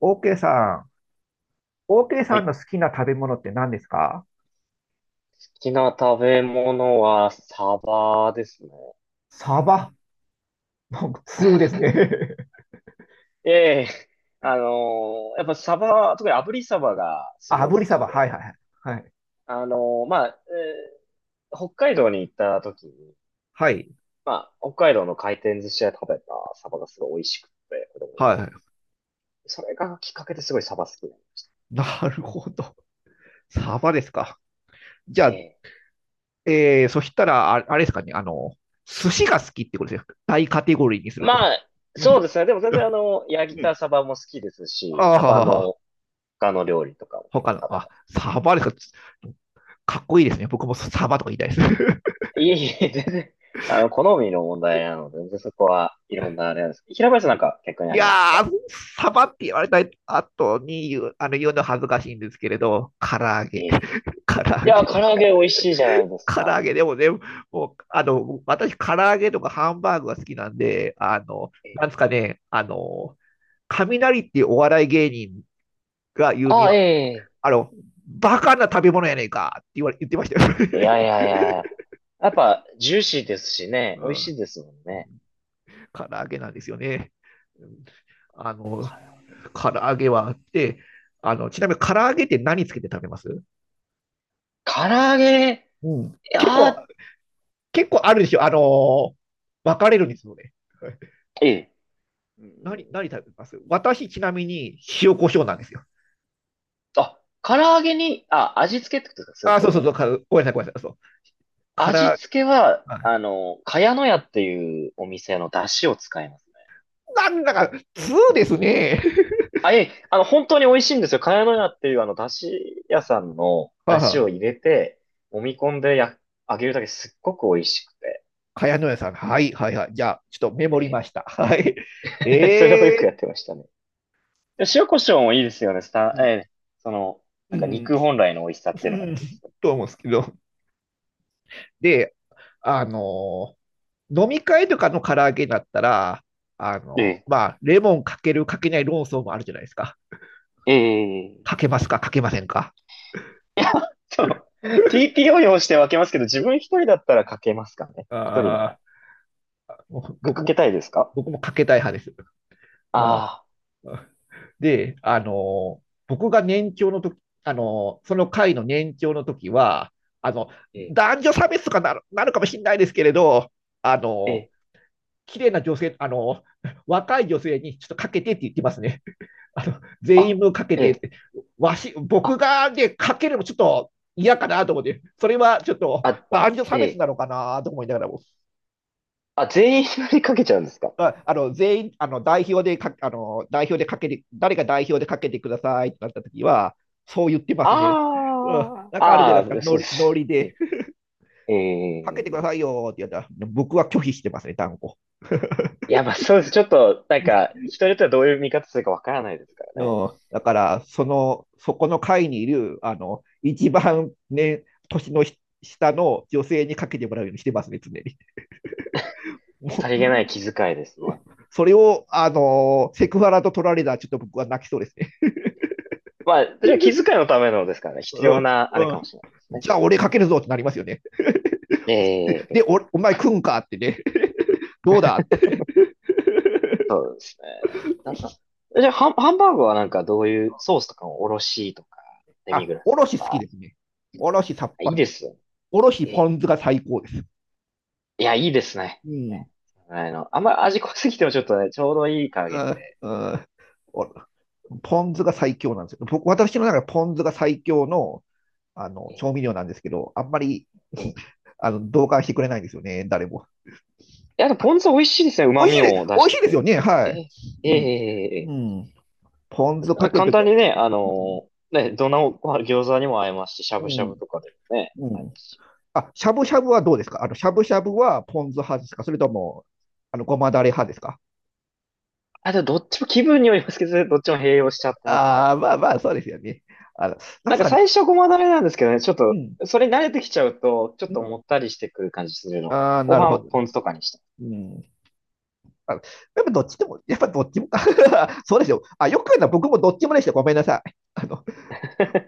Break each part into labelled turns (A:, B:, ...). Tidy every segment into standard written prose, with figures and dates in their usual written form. A: OK さん、OK
B: は
A: さん
B: い。
A: の好
B: 好
A: きな食べ物って何ですか？
B: きな食べ物はサバですね。
A: サバ。なんか通で すね。
B: ええ、やっぱサバ、特に炙りサバが す
A: あ、
B: ごい
A: 炙
B: 好
A: りサ
B: き
A: バ。はいは
B: で、
A: いはい。
B: あのまあ、北海道に行った時に、
A: はい。
B: まあ、北海道の回転寿司屋で食べたサバがすごい美味しくて、子供の
A: は
B: 頃に。
A: い。
B: それがきっかけですごいサバ好きになりました。
A: なるほど。サバですか。じ
B: え
A: ゃあ、
B: え。
A: そしたら、あれですかね。寿司が好きってことですよ。大カテゴリーにすると。
B: まあ、
A: う
B: そう
A: ん。
B: ですね。でも全然焼い
A: う
B: た
A: ん。
B: サバも好きです
A: あ
B: し、サバ
A: あ、
B: の他の料理とかも結
A: 他
B: 構
A: の、
B: 食べ
A: あ、
B: ます。
A: サバですか。かっこいいですね。僕もサバとか言いたいです。
B: いえいえ、全然、好みの問題なので、全然そこはいろんなあれなんです。平林さんなんか逆に
A: い
B: あります
A: や
B: か？
A: ー、サバって言われた後に言う、言うの恥ずかしいんですけれど、唐揚
B: え
A: げ、
B: え。い
A: 唐揚
B: や、
A: げ、
B: 唐揚げ美味しいじゃないです
A: 唐
B: か。
A: 揚げでもね、もう、私、唐揚げとかハンバーグが好きなんで、
B: ええ、
A: なんですかね、雷っていうお笑い芸人が言うに
B: あ、
A: は、
B: え
A: あの、バカな食べ物やねんかって言われ、言ってましたよ。
B: え。い やいやいや。やっぱ、ジューシーですしね、
A: う
B: 美味し
A: ん。
B: いですもん
A: う
B: ね。
A: ん。唐揚げなんですよね。うん。あの、
B: 唐揚げ。
A: 唐揚げはあって、あの、ちなみに唐揚げって何つけて食べます？
B: 唐揚げ、い
A: うん。
B: やー、
A: 結構あるでしょ。分かれるんですよね。
B: ええ。うん、
A: 何食べます？私、ちなみに、塩コショウなんですよ。
B: あ、唐揚げに、あ、味付けってことですか、それ
A: あー、そ
B: と
A: うそう
B: も？
A: そう、ごめんなさい、そう。か
B: 味
A: ら、
B: 付けは、
A: あ、
B: 茅乃舎っていうお店の出汁を使います。
A: なんだか、2ですね。
B: あ、いえ、本当に美味しいんですよ。茅乃舎っていう、だし屋さんの
A: は
B: だ
A: あは
B: し
A: あ。
B: を入れて、揉み込んでや、揚げるだけすっごく美味しくて。
A: かやのやさん。はい、はい、はい。じゃあ、ちょっとメモり
B: え
A: ました。はい。
B: それをよ
A: え
B: く
A: ー、
B: やってましたね。で塩コショウもいいですよね。ええ、その、
A: う
B: なんか
A: ん、
B: 肉本来の美味しさって
A: う
B: いうのが出
A: ん、
B: てきて。
A: と思うんですけど。で、あのー飲み会とかの唐揚げだったら、
B: え
A: まあ、レモンかけるかけない論争もあるじゃないですか。
B: え、ええ、
A: かけますか、かけませんか？
B: そう。TPO 用して分けますけど、自分一人だったらかけますかね。一人なら。
A: ああ、僕
B: か
A: も、
B: けたいですか？
A: 僕もかけたい派です。あ、
B: ああ
A: で、あの、僕が年長の時、その会の年長の時は、あの、
B: ー、え
A: 男女差別とかなるかもしれないですけれど、あ
B: え、え
A: の、
B: え、
A: 綺麗な女性、あの、若い女性にちょっとかけてって言ってますね。全員
B: あ、
A: 分かけ
B: え
A: てっ
B: え、
A: て。僕
B: あ、
A: がね、かけるのちょっと嫌かなと思って、それはちょっと
B: あ、
A: 男女差
B: え
A: 別
B: え。
A: なのかなと思いながらも、
B: あ、全員縛りかけちゃうんですか？
A: ああの全員あの代表でかあの代表でかけて、誰が代表でかけてくださいってなったときは、そう言ってますね、うん。
B: あ
A: なん
B: あ、
A: かあるじゃ
B: あ
A: ないですか、
B: あ、
A: ノ
B: そうで
A: リノ
B: す。
A: リで、
B: え
A: かけてくだ
B: え、
A: さいよって言ったら、僕は拒否してますね、断固。
B: いや、まあそうです。ちょっと、なんか、人によってはどういう見方するかわからないですから
A: う
B: ね。
A: ん、だから、その、そこの会にいる、一番ね、年の下の女性にかけてもらうようにしてますね、常に。
B: さ
A: も
B: りげな
A: う、
B: い気遣いですね。
A: それを、セクハラと取られたら、ちょっと僕は泣きそうですね。
B: まあ、それは気遣いのためのですからね。必
A: う
B: 要
A: ん、
B: な、あれ
A: う
B: かも
A: ん。
B: しれないですね。
A: じゃあ、俺かけるぞってなりますよね。で、
B: ええ、
A: お前食うんかってね、どうだって。
B: そうですね。なんか、じゃあ、ハンバーグはなんかどういうソースとかもおろしとか、デミ
A: あ、
B: グラ
A: お
B: ス
A: ろ
B: と
A: し好き
B: か、
A: ですね。おろしさっぱ
B: いい
A: り。
B: ですよね。
A: おろし
B: え
A: ポ
B: え、
A: ン酢が最高です。
B: いや、いいですね。
A: うん。
B: ねそのの。あんまり味濃すぎてもちょっとね、ちょうどいい加
A: う
B: 減
A: ん。
B: で。
A: うん。お、ポン酢が最強なんですよ。私の中でポン酢が最強の
B: ええ、
A: 調味料なんですけど、あんまり
B: ええ。い
A: 同感してくれないんですよね、誰も。
B: や、でもポン酢美味しいですね。旨味を出
A: 美
B: し
A: 味
B: て
A: しいで
B: く
A: す
B: れ
A: よ
B: るって
A: ね、
B: いうか。
A: は
B: え
A: い。
B: え、え
A: う
B: え、
A: ん。
B: ええ、
A: う
B: え
A: ん。ポン酢か
B: え、
A: ける
B: 簡
A: とき
B: 単
A: は、
B: にね、あ
A: うん。
B: のね、どんなご飯餃子にも合いますし、しゃぶ
A: う
B: しゃぶ
A: ん。
B: とかでもね、
A: う
B: 合いま
A: ん。
B: すし。
A: あ、しゃぶしゃぶはどうですか？あの、しゃぶしゃぶはポン酢派ですか、それとも、あの、ごまだれ派ですか？
B: あ、でもどっちも気分によりますけどね、どっちも併用しちゃってますね。
A: ああ、まあまあ、そうですよね。あの、なん
B: なん
A: す
B: か
A: かね。
B: 最初ごまだれなんですけどね、ちょっ
A: う
B: と、
A: ん。
B: それに慣れてきちゃうと、ちょっ
A: う
B: と
A: ん。
B: もったりしてくる感じするので、
A: ああ、
B: 後
A: なるほ
B: 半
A: ど。
B: ポン酢とかにして。
A: うん。あの、やっぱどっちもか。そうですよ。あ、よく言うのは僕もどっちもでした。ごめんなさい。あの、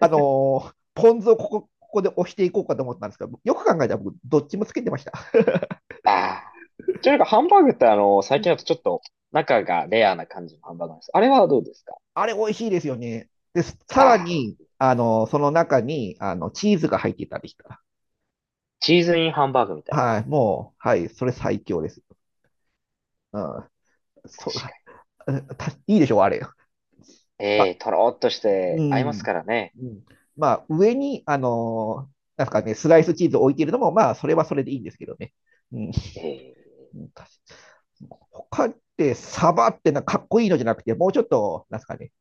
A: あの ーポン酢をここで押していこうかと思ったんですけど、よく考えたら僕、どっちもつけてました。
B: ああ。ちなみになんかハンバーグって
A: う
B: 最近
A: ん。
B: だとちょっと中がレアな感じのハンバーグなんです。あれはどうですか？
A: あれ、美味しいですよね。で、さら
B: あ
A: に、
B: あ。
A: その中に、チーズが入ってたりしたら。
B: チーズインハンバーグみたいな。
A: はい、もう、はい、それ最強です。うん。
B: 確
A: そう、あ、
B: か
A: たいいでしょう、あれ。
B: に。ええ、とろーっとし
A: う
B: て合います
A: ん。
B: からね。
A: うん。まあ、上に、なんすかね、スライスチーズを置いているのも、まあ、それはそれでいいんですけどね。うん。
B: ええ、
A: うん確か、他って、サバってなんかかっこいいのじゃなくて、もうちょっと、なんすかね、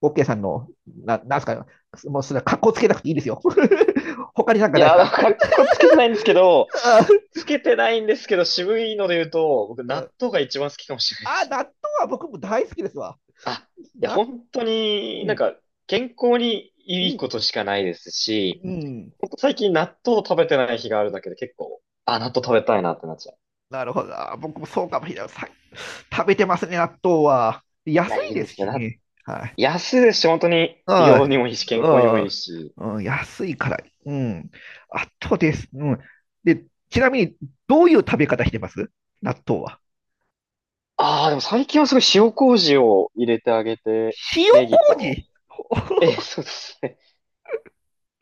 A: オッケーさんの、な、なんすかね、もうそれはかっこつけなくていいですよ。他になんか
B: い
A: ないです
B: や、
A: か？
B: かっこつけてないんですけど、
A: あ、
B: つけてないんですけど、渋いので言うと、僕、
A: う
B: 納
A: ん、
B: 豆が一番好きかもしれないで
A: あ、
B: す
A: 納
B: ね。
A: 豆は僕も大好きですわ。
B: あ、いや、
A: な、
B: 本当に
A: う
B: なん
A: ん、
B: か、健康に
A: う
B: いいこ
A: ん、
B: としかないですし、
A: うん。
B: ほんと最近納豆を食べてない日があるだけで結構、あ、納豆食べたいなってなっちゃう。
A: なるほど。あ、僕もそうかもしれない。さ、食べてますね、納豆は。
B: い
A: 安
B: や、い
A: い
B: い
A: で
B: で
A: す
B: すね。
A: しね。
B: 安いですし、本当に美
A: は
B: 容に
A: い、
B: もいいし、健康にもいいし。
A: うん、うん、安いから。うん。あとです。うん。で、ちなみに、どういう食べ方してます？納豆は。
B: ああ、でも最近はすごい塩麹を入れてあげて、
A: 塩
B: ネギと
A: 麹。
B: そうですね。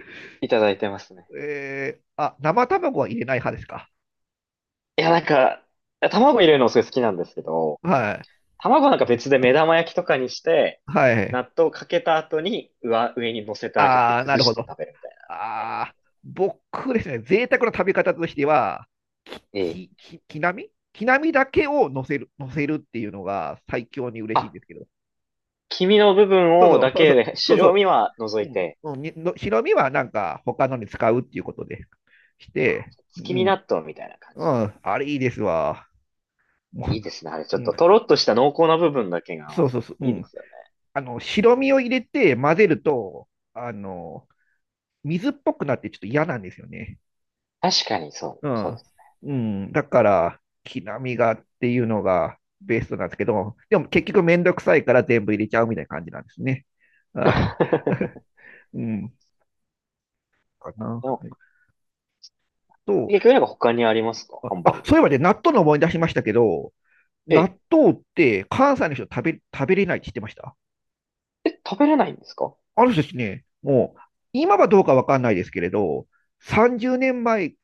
B: いただいてますね。
A: えー、あ、生卵は入れない派ですか？
B: いや、なんか、卵入れるのすごい好きなんですけど、
A: はい。
B: 卵なんか別で目玉焼きとかにして、
A: はい。
B: 納豆かけた後に上に乗せてあげて
A: ああ、な
B: 崩
A: る
B: し
A: ほど。
B: て食べるみたいなやり
A: あ
B: 方。
A: あ、僕ですね、贅沢な食べ方としては、
B: ええ。
A: きなみ、きなみだけを乗せる、乗せるっていうのが最強に嬉しいん
B: あ、
A: ですけど。
B: 黄身の部分をだけで、
A: そうそ
B: 白身は除
A: う。
B: い
A: う
B: て、
A: ん、うん、にの白身はなんか他のに使うっていうことでして、う
B: 月見
A: ん、
B: 納豆みたいな感
A: う
B: じです
A: ん、あれいいですわ。も
B: ね。いいですね。あれ、ちょ
A: う、
B: っ
A: うん、
B: ととろっとした濃厚な部分だけが合わさっ
A: そう、う
B: ていいで
A: ん。
B: すよね。
A: あの、白身を入れて混ぜると、あの、水っぽくなってちょっと嫌なんですよね。
B: 確かにそ
A: う
B: う、そう
A: ん。
B: です。
A: うん、だから、木並みがっていうのがベストなんですけど、でも結局めんどくさいから全部入れちゃうみたいな感じなんですね。あ うん。かな。
B: でも、
A: と、
B: 結局なんか他にありますか？
A: あ、
B: ハンバー
A: あ
B: グ
A: そうい
B: か
A: え
B: ら。
A: ばね、納豆の思い出しましたけど、
B: え
A: 納
B: え。
A: 豆って関西の人食べれないって知ってました？
B: え、食べれないんですか？
A: あの人たちね、もう、今はどうかわかんないですけれど、30年前、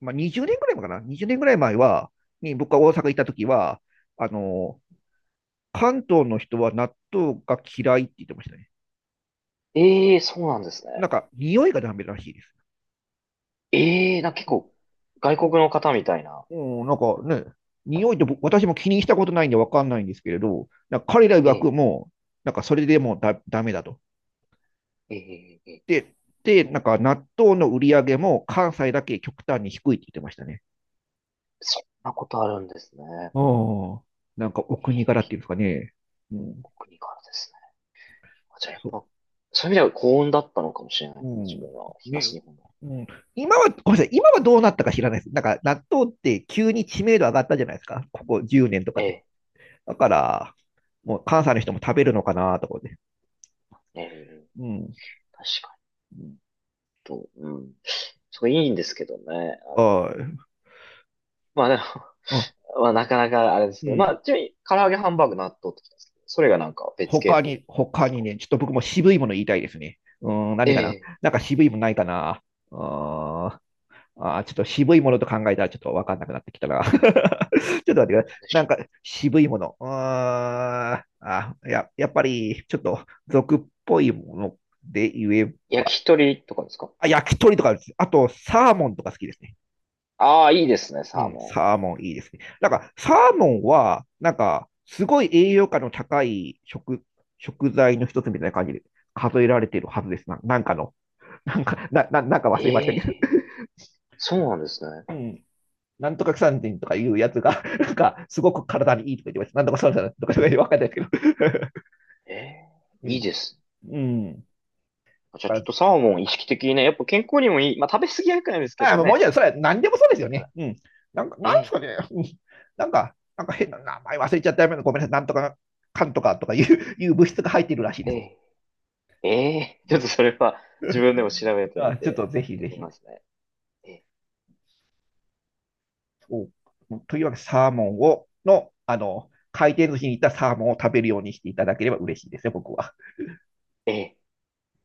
A: まあ、20年ぐらい前かな？ 20 年ぐらい前は、に僕が大阪行った時は、あの、関東の人は納豆が嫌いって言ってましたね。
B: ええー、そうなんです
A: な
B: ね。
A: んか、匂いがダメらしいです。
B: ええー、なんか結
A: うん、
B: 構、外国の方みたいな。
A: うん、なんかね、匂いって私も気にしたことないんでわかんないんですけれど、なんか彼ら曰
B: ええ、
A: くもう、なんかそれでもうダメだと。
B: ええ、ええ、
A: で、で、なんか納豆の売り上げも関西だけ極端に低いって言ってましたね。
B: そんなことあるんですね。
A: あ、なんかお国柄っていうんですかね。うん、
B: お国からですね。あ、じゃあやっ
A: そ
B: ぱ、そういう意味では幸運だったのかもしれない
A: う、
B: ですね。自分は
A: うん、ね、
B: 東日本の。
A: うん。今は、ごめんなさい、今はどうなったか知らないです。なんか納豆って急に知名度上がったじゃないですか。ここ10年とか
B: え
A: で。
B: え、
A: だから、もう関西の人も食べるのかなとかで。
B: ええ、
A: うん。
B: 確かに、と、うん。そう、いいんですけどね。あれ。
A: はい。
B: まあでも、
A: あ、
B: まあなかなかあれです
A: う
B: けど。まあ、
A: ん。
B: ちなみに、唐揚げ、ハンバーグ、納豆ってきたんですけど、それがなんか別系統でもあるんで
A: 他
B: す
A: に
B: か？
A: ね、ちょっと僕も渋いもの言いたいですね。うん、何かな。
B: ええ、
A: なんか渋いものないかな。あーあ、ちょっと渋いものと考えたらちょっとわかんなくなってきたな。ちょっと待ってください。
B: なんでし
A: な
B: ょ
A: んか渋いもの。やっぱりちょっと俗っぽいもので言え
B: う。
A: ば、
B: 焼き鳥とかですか？
A: あ、焼き鳥とかです。あとサーモンとか好きですね。
B: ああ、いいですね、
A: う
B: サー
A: ん、
B: モ
A: サーモンいいですね。なんかサーモンは、なんかすごい栄養価の高い食材の一つみたいな感じで数えられているはずですな。なんかの、なんか、な、な、なんか
B: ン。え
A: 忘れましたけど。
B: え、そうなんですね。
A: うん、なんとか三人とかいうやつが、なんか、すごく体にいいとか言ってました。なんとかそうなンとか言ってわかんないですけど。
B: ええ、
A: う
B: いい
A: ん。
B: ですね。
A: うん。
B: じゃあちょっとサーモン意識的にね、やっぱ健康にもいい。まあ食べ過ぎは良くないですけ
A: あ
B: ど
A: のもう
B: ね。
A: じゃあそれは何でも
B: いい
A: そう
B: で
A: です
B: す
A: よ
B: か
A: ね。
B: ら。
A: うん。なんか、
B: え
A: なんです
B: え、
A: かね。なんか、なんか変な名前忘れちゃったよ。ごめんなさい。なんとか、かんとかとかいう、いう物質が入っているらしいで
B: え
A: す。
B: え、ええ、ちょっとそれは自分でも調べてみ
A: あ、ちょっ
B: て、
A: とぜひ
B: やっ
A: ぜ
B: てみ
A: ひ。
B: ますね。ええ、
A: そう、というわけで、サーモンを、の、あの、回転寿司に行ったサーモンを食べるようにしていただければ嬉しいですよ、僕は。
B: ええ。